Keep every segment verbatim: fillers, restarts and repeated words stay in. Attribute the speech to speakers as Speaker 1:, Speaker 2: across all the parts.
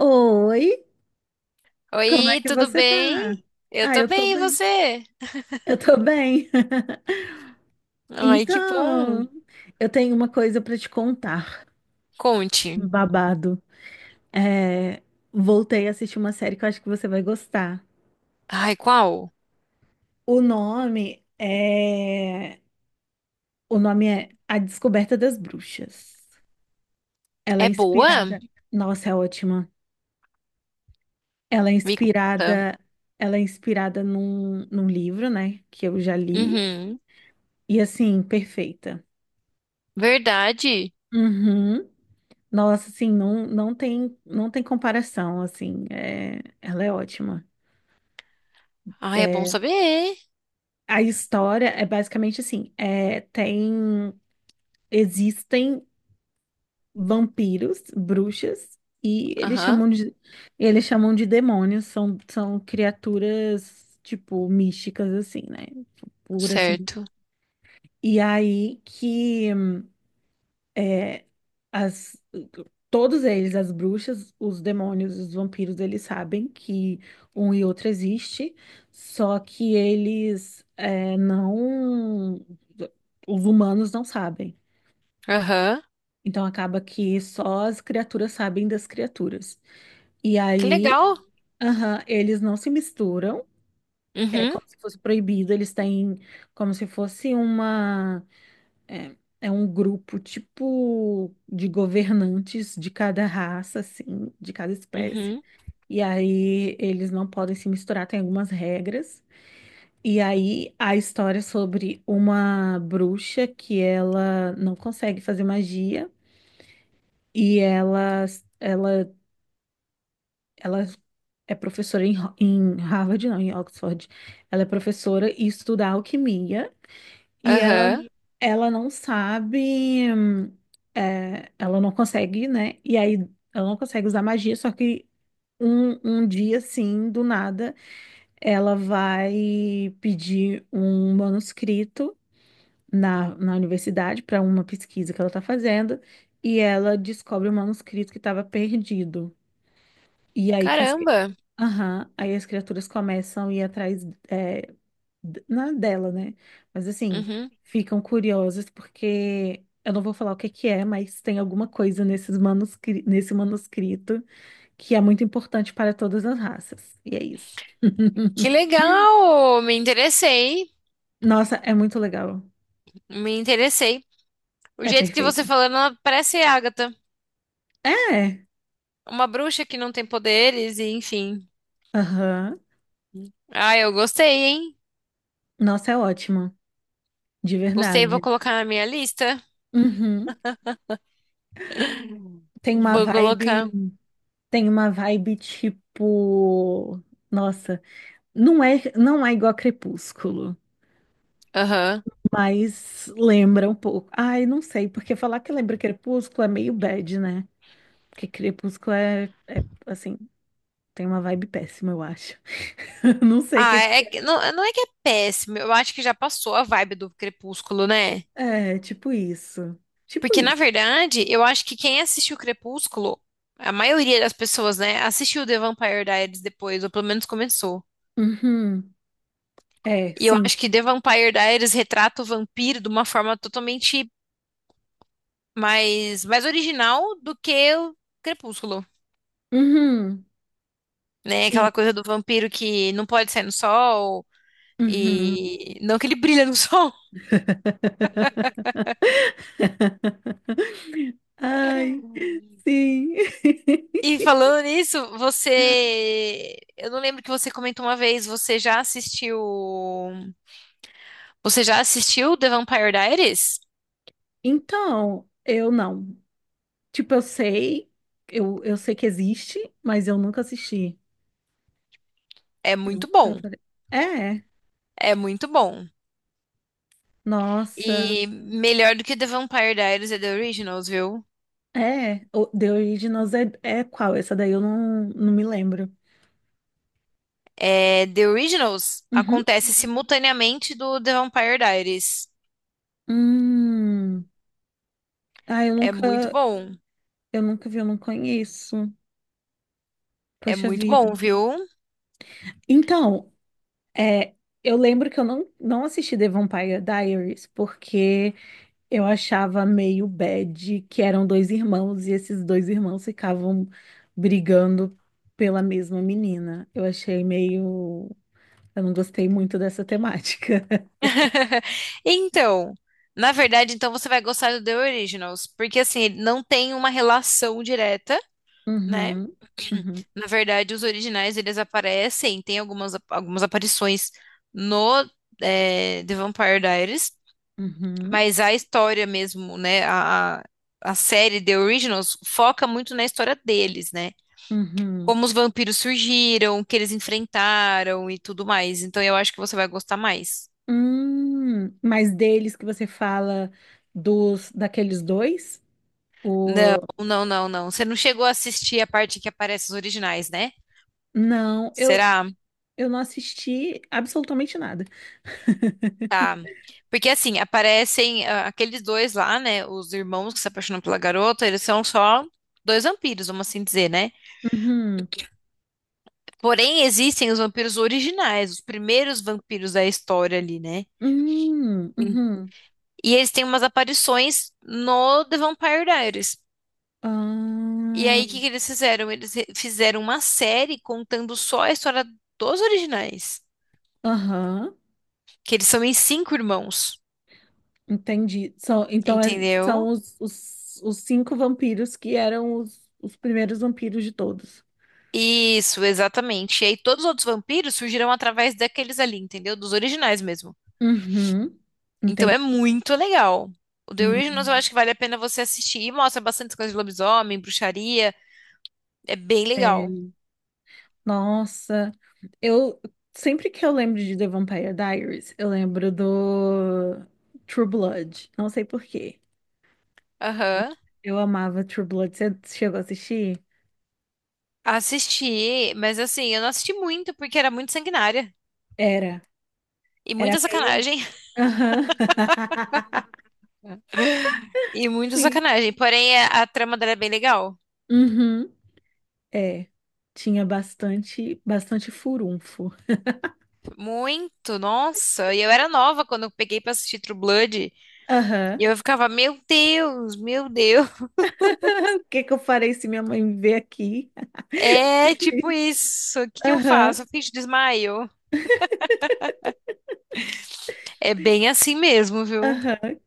Speaker 1: Oi, como é
Speaker 2: Oi,
Speaker 1: que
Speaker 2: tudo
Speaker 1: você tá?
Speaker 2: bem? Eu
Speaker 1: Ah,
Speaker 2: tô
Speaker 1: eu tô
Speaker 2: bem, e
Speaker 1: bem.
Speaker 2: você?
Speaker 1: Eu tô bem.
Speaker 2: Ai, que bom.
Speaker 1: Então, eu tenho uma coisa pra te contar.
Speaker 2: Conte.
Speaker 1: Um Babado. É, voltei a assistir uma série que eu acho que você vai gostar.
Speaker 2: Ai, qual?
Speaker 1: O nome é O nome é A Descoberta das Bruxas. Ela é
Speaker 2: É boa?
Speaker 1: inspirada. Nossa, é ótima. Ela é
Speaker 2: Me conta.
Speaker 1: inspirada, ela é inspirada num, num livro, né, que eu já li.
Speaker 2: Uhum.
Speaker 1: E assim, perfeita.
Speaker 2: Verdade.
Speaker 1: Uhum. Nossa, assim, não, não tem, não tem comparação, assim, é, ela é ótima.
Speaker 2: Ai, é bom
Speaker 1: É,
Speaker 2: saber.
Speaker 1: a história é basicamente assim, é, tem, existem vampiros, bruxas, e eles
Speaker 2: Aham,
Speaker 1: chamam de, eles chamam de demônios, são, são criaturas, tipo, místicas, assim, né? Pura, assim.
Speaker 2: certo.
Speaker 1: E aí que As, todos eles, as bruxas, os demônios, os vampiros, eles sabem que um e outro existe, só que eles é, não. Os humanos não sabem.
Speaker 2: Aham.
Speaker 1: Então acaba que só as criaturas sabem das criaturas. E
Speaker 2: Que
Speaker 1: aí,
Speaker 2: legal.
Speaker 1: aham, eles não se misturam, é
Speaker 2: Uhum,
Speaker 1: como se fosse proibido, eles têm como se fosse uma. É, é um grupo tipo de governantes de cada raça, assim, de cada espécie.
Speaker 2: uhum,
Speaker 1: E aí eles não podem se misturar, tem algumas regras. E aí a história é sobre uma bruxa que ela não consegue fazer magia e ela, ela, ela é professora em, Ho- em Harvard, não, em Oxford. Ela é professora e estuda alquimia. E ela,
Speaker 2: aham.
Speaker 1: ela não sabe, hum, é, ela não consegue, né? E aí ela não consegue usar magia, só que um, um dia, assim, do nada, ela vai pedir um manuscrito na, na universidade para uma pesquisa que ela tá fazendo, e ela descobre o manuscrito que estava perdido. E aí que as, cri-
Speaker 2: Caramba.
Speaker 1: aham, aí as criaturas começam a ir atrás, eh, d- na dela, né? Mas assim,
Speaker 2: Uhum.
Speaker 1: ficam curiosas porque eu não vou falar o que que é, mas tem alguma coisa nesses manuscri nesse manuscrito que é muito importante para todas as raças. E é isso.
Speaker 2: Que legal. Me interessei.
Speaker 1: Nossa, é muito legal.
Speaker 2: Me interessei. O
Speaker 1: É
Speaker 2: jeito que você
Speaker 1: perfeita.
Speaker 2: falando, ela parece Agatha.
Speaker 1: É.
Speaker 2: Uma bruxa que não tem poderes e enfim.
Speaker 1: Aham.
Speaker 2: Ah, eu gostei, hein?
Speaker 1: Nossa, é ótima, de
Speaker 2: Gostei, vou
Speaker 1: verdade.
Speaker 2: colocar na minha lista.
Speaker 1: Uhum. Tem uma
Speaker 2: Vou
Speaker 1: vibe,
Speaker 2: colocar.
Speaker 1: tem uma vibe tipo, nossa, não é, não é igual a Crepúsculo.
Speaker 2: Aham.
Speaker 1: Mas lembra um pouco. Ai, não sei, porque falar que lembra Crepúsculo é meio bad, né? Porque Crepúsculo é, é, assim, tem uma vibe péssima, eu acho. Não sei o
Speaker 2: Ah,
Speaker 1: que.
Speaker 2: é, que- não, não é que é péssimo. Eu acho que já passou a vibe do Crepúsculo, né?
Speaker 1: É, tipo isso. Tipo
Speaker 2: Porque, na
Speaker 1: isso.
Speaker 2: verdade, eu acho que quem assistiu Crepúsculo, a maioria das pessoas, né, assistiu The Vampire Diaries depois, ou pelo menos começou.
Speaker 1: Uhum. É,
Speaker 2: E eu
Speaker 1: sim.
Speaker 2: acho que The Vampire Diaries retrata o vampiro de uma forma totalmente mais, mais original do que o Crepúsculo,
Speaker 1: Uhum.
Speaker 2: né?
Speaker 1: Sim.
Speaker 2: Aquela coisa do vampiro que não pode sair no sol.
Speaker 1: Uhum.
Speaker 2: E não que ele brilha no sol.
Speaker 1: Ai, sim.
Speaker 2: E falando nisso, você. Eu não lembro que você comentou uma vez, você já assistiu. Você já assistiu The Vampire Diaries?
Speaker 1: Então, eu não. Tipo, eu sei, eu, eu sei que existe, mas eu nunca assisti.
Speaker 2: É muito
Speaker 1: Nunca
Speaker 2: bom.
Speaker 1: falei. É,
Speaker 2: É muito bom.
Speaker 1: nossa.
Speaker 2: E melhor do que The Vampire Diaries é The Originals, viu?
Speaker 1: É, o The Originals é, é qual? Essa daí eu não, não me lembro.
Speaker 2: É, The Originals
Speaker 1: Uhum.
Speaker 2: acontece simultaneamente do The Vampire Diaries.
Speaker 1: Hum. Ah, eu
Speaker 2: É muito
Speaker 1: nunca,
Speaker 2: bom.
Speaker 1: eu nunca vi, eu não conheço.
Speaker 2: É
Speaker 1: Poxa
Speaker 2: muito
Speaker 1: vida.
Speaker 2: bom, viu?
Speaker 1: Então, é, eu lembro que eu não, não assisti The Vampire Diaries porque eu achava meio bad que eram dois irmãos e esses dois irmãos ficavam brigando pela mesma menina. Eu achei meio. Eu não gostei muito dessa temática.
Speaker 2: Então, na verdade, então você vai gostar do The Originals, porque assim, ele não tem uma relação direta, né?
Speaker 1: Uhum, uhum,
Speaker 2: Na verdade, os originais eles aparecem, tem algumas, algumas aparições no eh, The Vampire Diaries,
Speaker 1: uhum,
Speaker 2: mas a história mesmo, né? A, a a série The Originals foca muito na história deles, né?
Speaker 1: uhum.
Speaker 2: Como os vampiros surgiram, o que eles enfrentaram e tudo mais. Então eu acho que você vai gostar mais.
Speaker 1: Hum, mas deles que você fala dos daqueles dois?
Speaker 2: Não,
Speaker 1: O...
Speaker 2: não, não, não. Você não chegou a assistir a parte que aparece os originais, né?
Speaker 1: Não, eu,
Speaker 2: Será?
Speaker 1: eu não assisti absolutamente nada.
Speaker 2: Tá. Porque assim, aparecem ah, aqueles dois lá, né? Os irmãos que se apaixonam pela garota, eles são só dois vampiros, vamos assim dizer, né?
Speaker 1: Uhum,
Speaker 2: Porém, existem os vampiros originais, os primeiros vampiros da história ali, né?
Speaker 1: uhum,
Speaker 2: Sim.
Speaker 1: uhum.
Speaker 2: E eles têm umas aparições no The Vampire Diaries. E
Speaker 1: Ah,
Speaker 2: aí, o que que eles fizeram? Eles re- fizeram uma série contando só a história dos originais.
Speaker 1: aham,
Speaker 2: Que eles são em cinco irmãos,
Speaker 1: entendi. São, então é- são
Speaker 2: entendeu?
Speaker 1: os, os, os cinco vampiros que eram os, os primeiros vampiros de todos.
Speaker 2: Isso, exatamente. E aí todos os outros vampiros surgiram através daqueles ali, entendeu? Dos originais mesmo.
Speaker 1: Uhum,
Speaker 2: Então é
Speaker 1: entendi.
Speaker 2: muito legal. O The Originals eu
Speaker 1: Hum.
Speaker 2: acho que vale a pena você assistir. E mostra bastante coisa de lobisomem, bruxaria. É bem legal.
Speaker 1: É, nossa, eu sempre que eu lembro de The Vampire Diaries, eu lembro do True Blood. Não sei por quê.
Speaker 2: Aham.
Speaker 1: Eu amava True Blood. Você chegou a assistir?
Speaker 2: Assisti, mas assim, eu não assisti muito porque era muito sanguinária.
Speaker 1: Era.
Speaker 2: E
Speaker 1: Era
Speaker 2: muita
Speaker 1: meio.
Speaker 2: sacanagem.
Speaker 1: Aham.
Speaker 2: E muita
Speaker 1: Sim.
Speaker 2: sacanagem. Porém, a, a trama dela é bem legal.
Speaker 1: Uhum. É. Tinha bastante, bastante furunfo.
Speaker 2: Muito, nossa. E eu era nova quando eu peguei pra assistir True Blood. E
Speaker 1: Aham.
Speaker 2: eu ficava, meu Deus, meu Deus.
Speaker 1: O que que eu farei se minha mãe me ver aqui?
Speaker 2: É
Speaker 1: Tipo
Speaker 2: tipo
Speaker 1: isso.
Speaker 2: isso. O que que eu
Speaker 1: Aham.
Speaker 2: faço? Eu finjo desmaio. É bem assim mesmo, viu?
Speaker 1: Aham.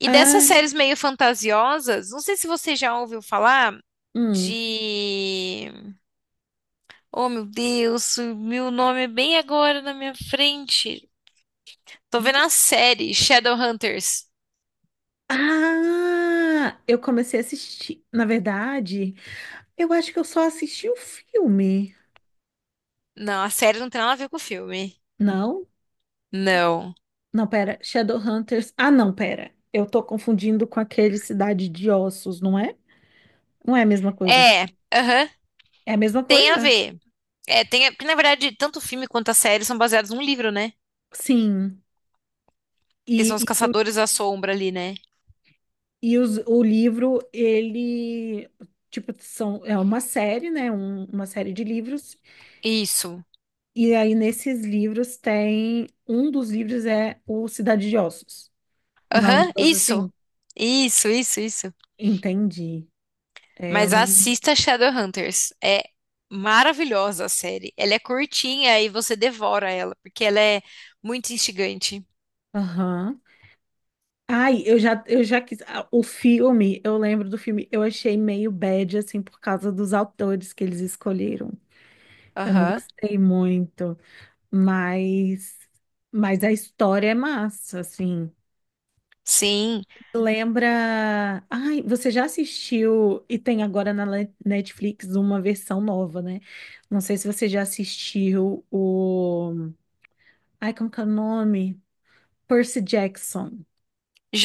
Speaker 2: E dessas
Speaker 1: Ai.
Speaker 2: séries meio fantasiosas, não sei se você já ouviu falar
Speaker 1: Hum.
Speaker 2: de. Oh, meu Deus, o meu nome é bem agora na minha frente. Tô vendo a série Shadowhunters.
Speaker 1: Ah, eu comecei a assistir. Na verdade, eu acho que eu só assisti o filme.
Speaker 2: Não, a série não tem nada a ver com o filme.
Speaker 1: Não?
Speaker 2: Não.
Speaker 1: Não, pera. Shadowhunters. Ah, não, pera. Eu tô confundindo com aquele Cidade de Ossos, não é? Não é a mesma coisa.
Speaker 2: É, aham,
Speaker 1: É a mesma
Speaker 2: tem a
Speaker 1: coisa?
Speaker 2: ver. É, tem a... Porque, na verdade, tanto o filme quanto a série são baseados num livro, né?
Speaker 1: Sim. E,
Speaker 2: Que são os
Speaker 1: e, o,
Speaker 2: Caçadores da Sombra ali, né?
Speaker 1: e os- o livro, ele. Tipo, são, é uma série, né? Um- uma série de livros.
Speaker 2: Isso.
Speaker 1: E aí, nesses livros, tem. Um dos livros é o Cidade de Ossos. Não é um
Speaker 2: Aham,
Speaker 1: negócio
Speaker 2: isso.
Speaker 1: assim?
Speaker 2: Isso, isso, isso.
Speaker 1: Entendi. É, eu
Speaker 2: Mas
Speaker 1: não.
Speaker 2: assista Shadowhunters. É maravilhosa a série. Ela é curtinha e você devora ela, porque ela é muito instigante.
Speaker 1: Aham. Ai, eu já, eu já quis. ah, O filme, eu lembro do filme, eu achei meio bad, assim, por causa dos autores que eles escolheram. Eu não
Speaker 2: Aham.
Speaker 1: gostei muito, mas, mas a história é massa, assim.
Speaker 2: Sim.
Speaker 1: Lembra. Ai, você já assistiu, e tem agora na Le- Netflix uma versão nova, né? Não sei se você já assistiu o. Ai, como que é o nome? Percy Jackson.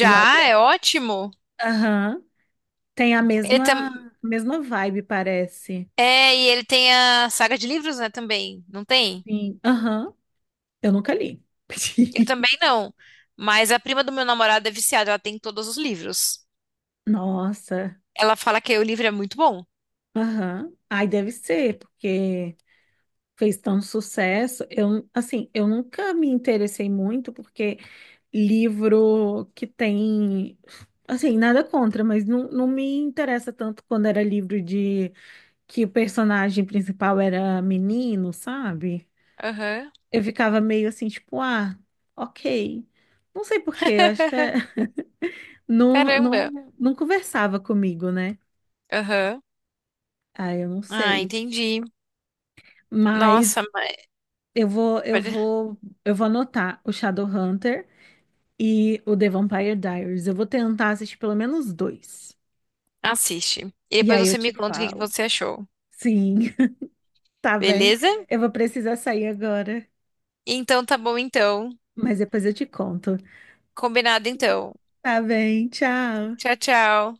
Speaker 1: O
Speaker 2: é ótimo.
Speaker 1: Aham. Tem a
Speaker 2: Ele
Speaker 1: mesma,
Speaker 2: tam...
Speaker 1: a mesma vibe, parece.
Speaker 2: É, e ele tem a saga de livros, né, também. Não tem?
Speaker 1: Sim. Aham. Eu nunca li.
Speaker 2: Eu também não. Mas a prima do meu namorado é viciada, ela tem todos os livros.
Speaker 1: Nossa.
Speaker 2: Ela fala que o livro é muito bom.
Speaker 1: Aham. Ai, deve ser, porque fez tanto sucesso. Eu, assim, eu nunca me interessei muito, porque livro que tem. Assim, nada contra, mas não, não me interessa tanto quando era livro de que o personagem principal era menino, sabe?
Speaker 2: Aham.
Speaker 1: Eu ficava meio assim, tipo, ah, ok. Não sei por quê, eu acho que é... não,
Speaker 2: Caramba.
Speaker 1: não, não conversava comigo, né?
Speaker 2: Aham.
Speaker 1: Ah, eu não
Speaker 2: Ah,
Speaker 1: sei.
Speaker 2: entendi.
Speaker 1: Mas
Speaker 2: Nossa,
Speaker 1: eu vou, eu
Speaker 2: mas...
Speaker 1: vou, eu vou anotar o Shadowhunter e o The Vampire Diaries. Eu vou tentar assistir pelo menos dois.
Speaker 2: Assiste. E
Speaker 1: E
Speaker 2: depois
Speaker 1: aí eu
Speaker 2: você me
Speaker 1: te
Speaker 2: conta o que que
Speaker 1: falo.
Speaker 2: você achou.
Speaker 1: Sim, tá bem.
Speaker 2: Beleza?
Speaker 1: Eu vou precisar sair agora,
Speaker 2: Então tá bom então.
Speaker 1: mas depois eu te conto.
Speaker 2: Combinado então.
Speaker 1: Tá bem, tchau.
Speaker 2: Tchau, tchau.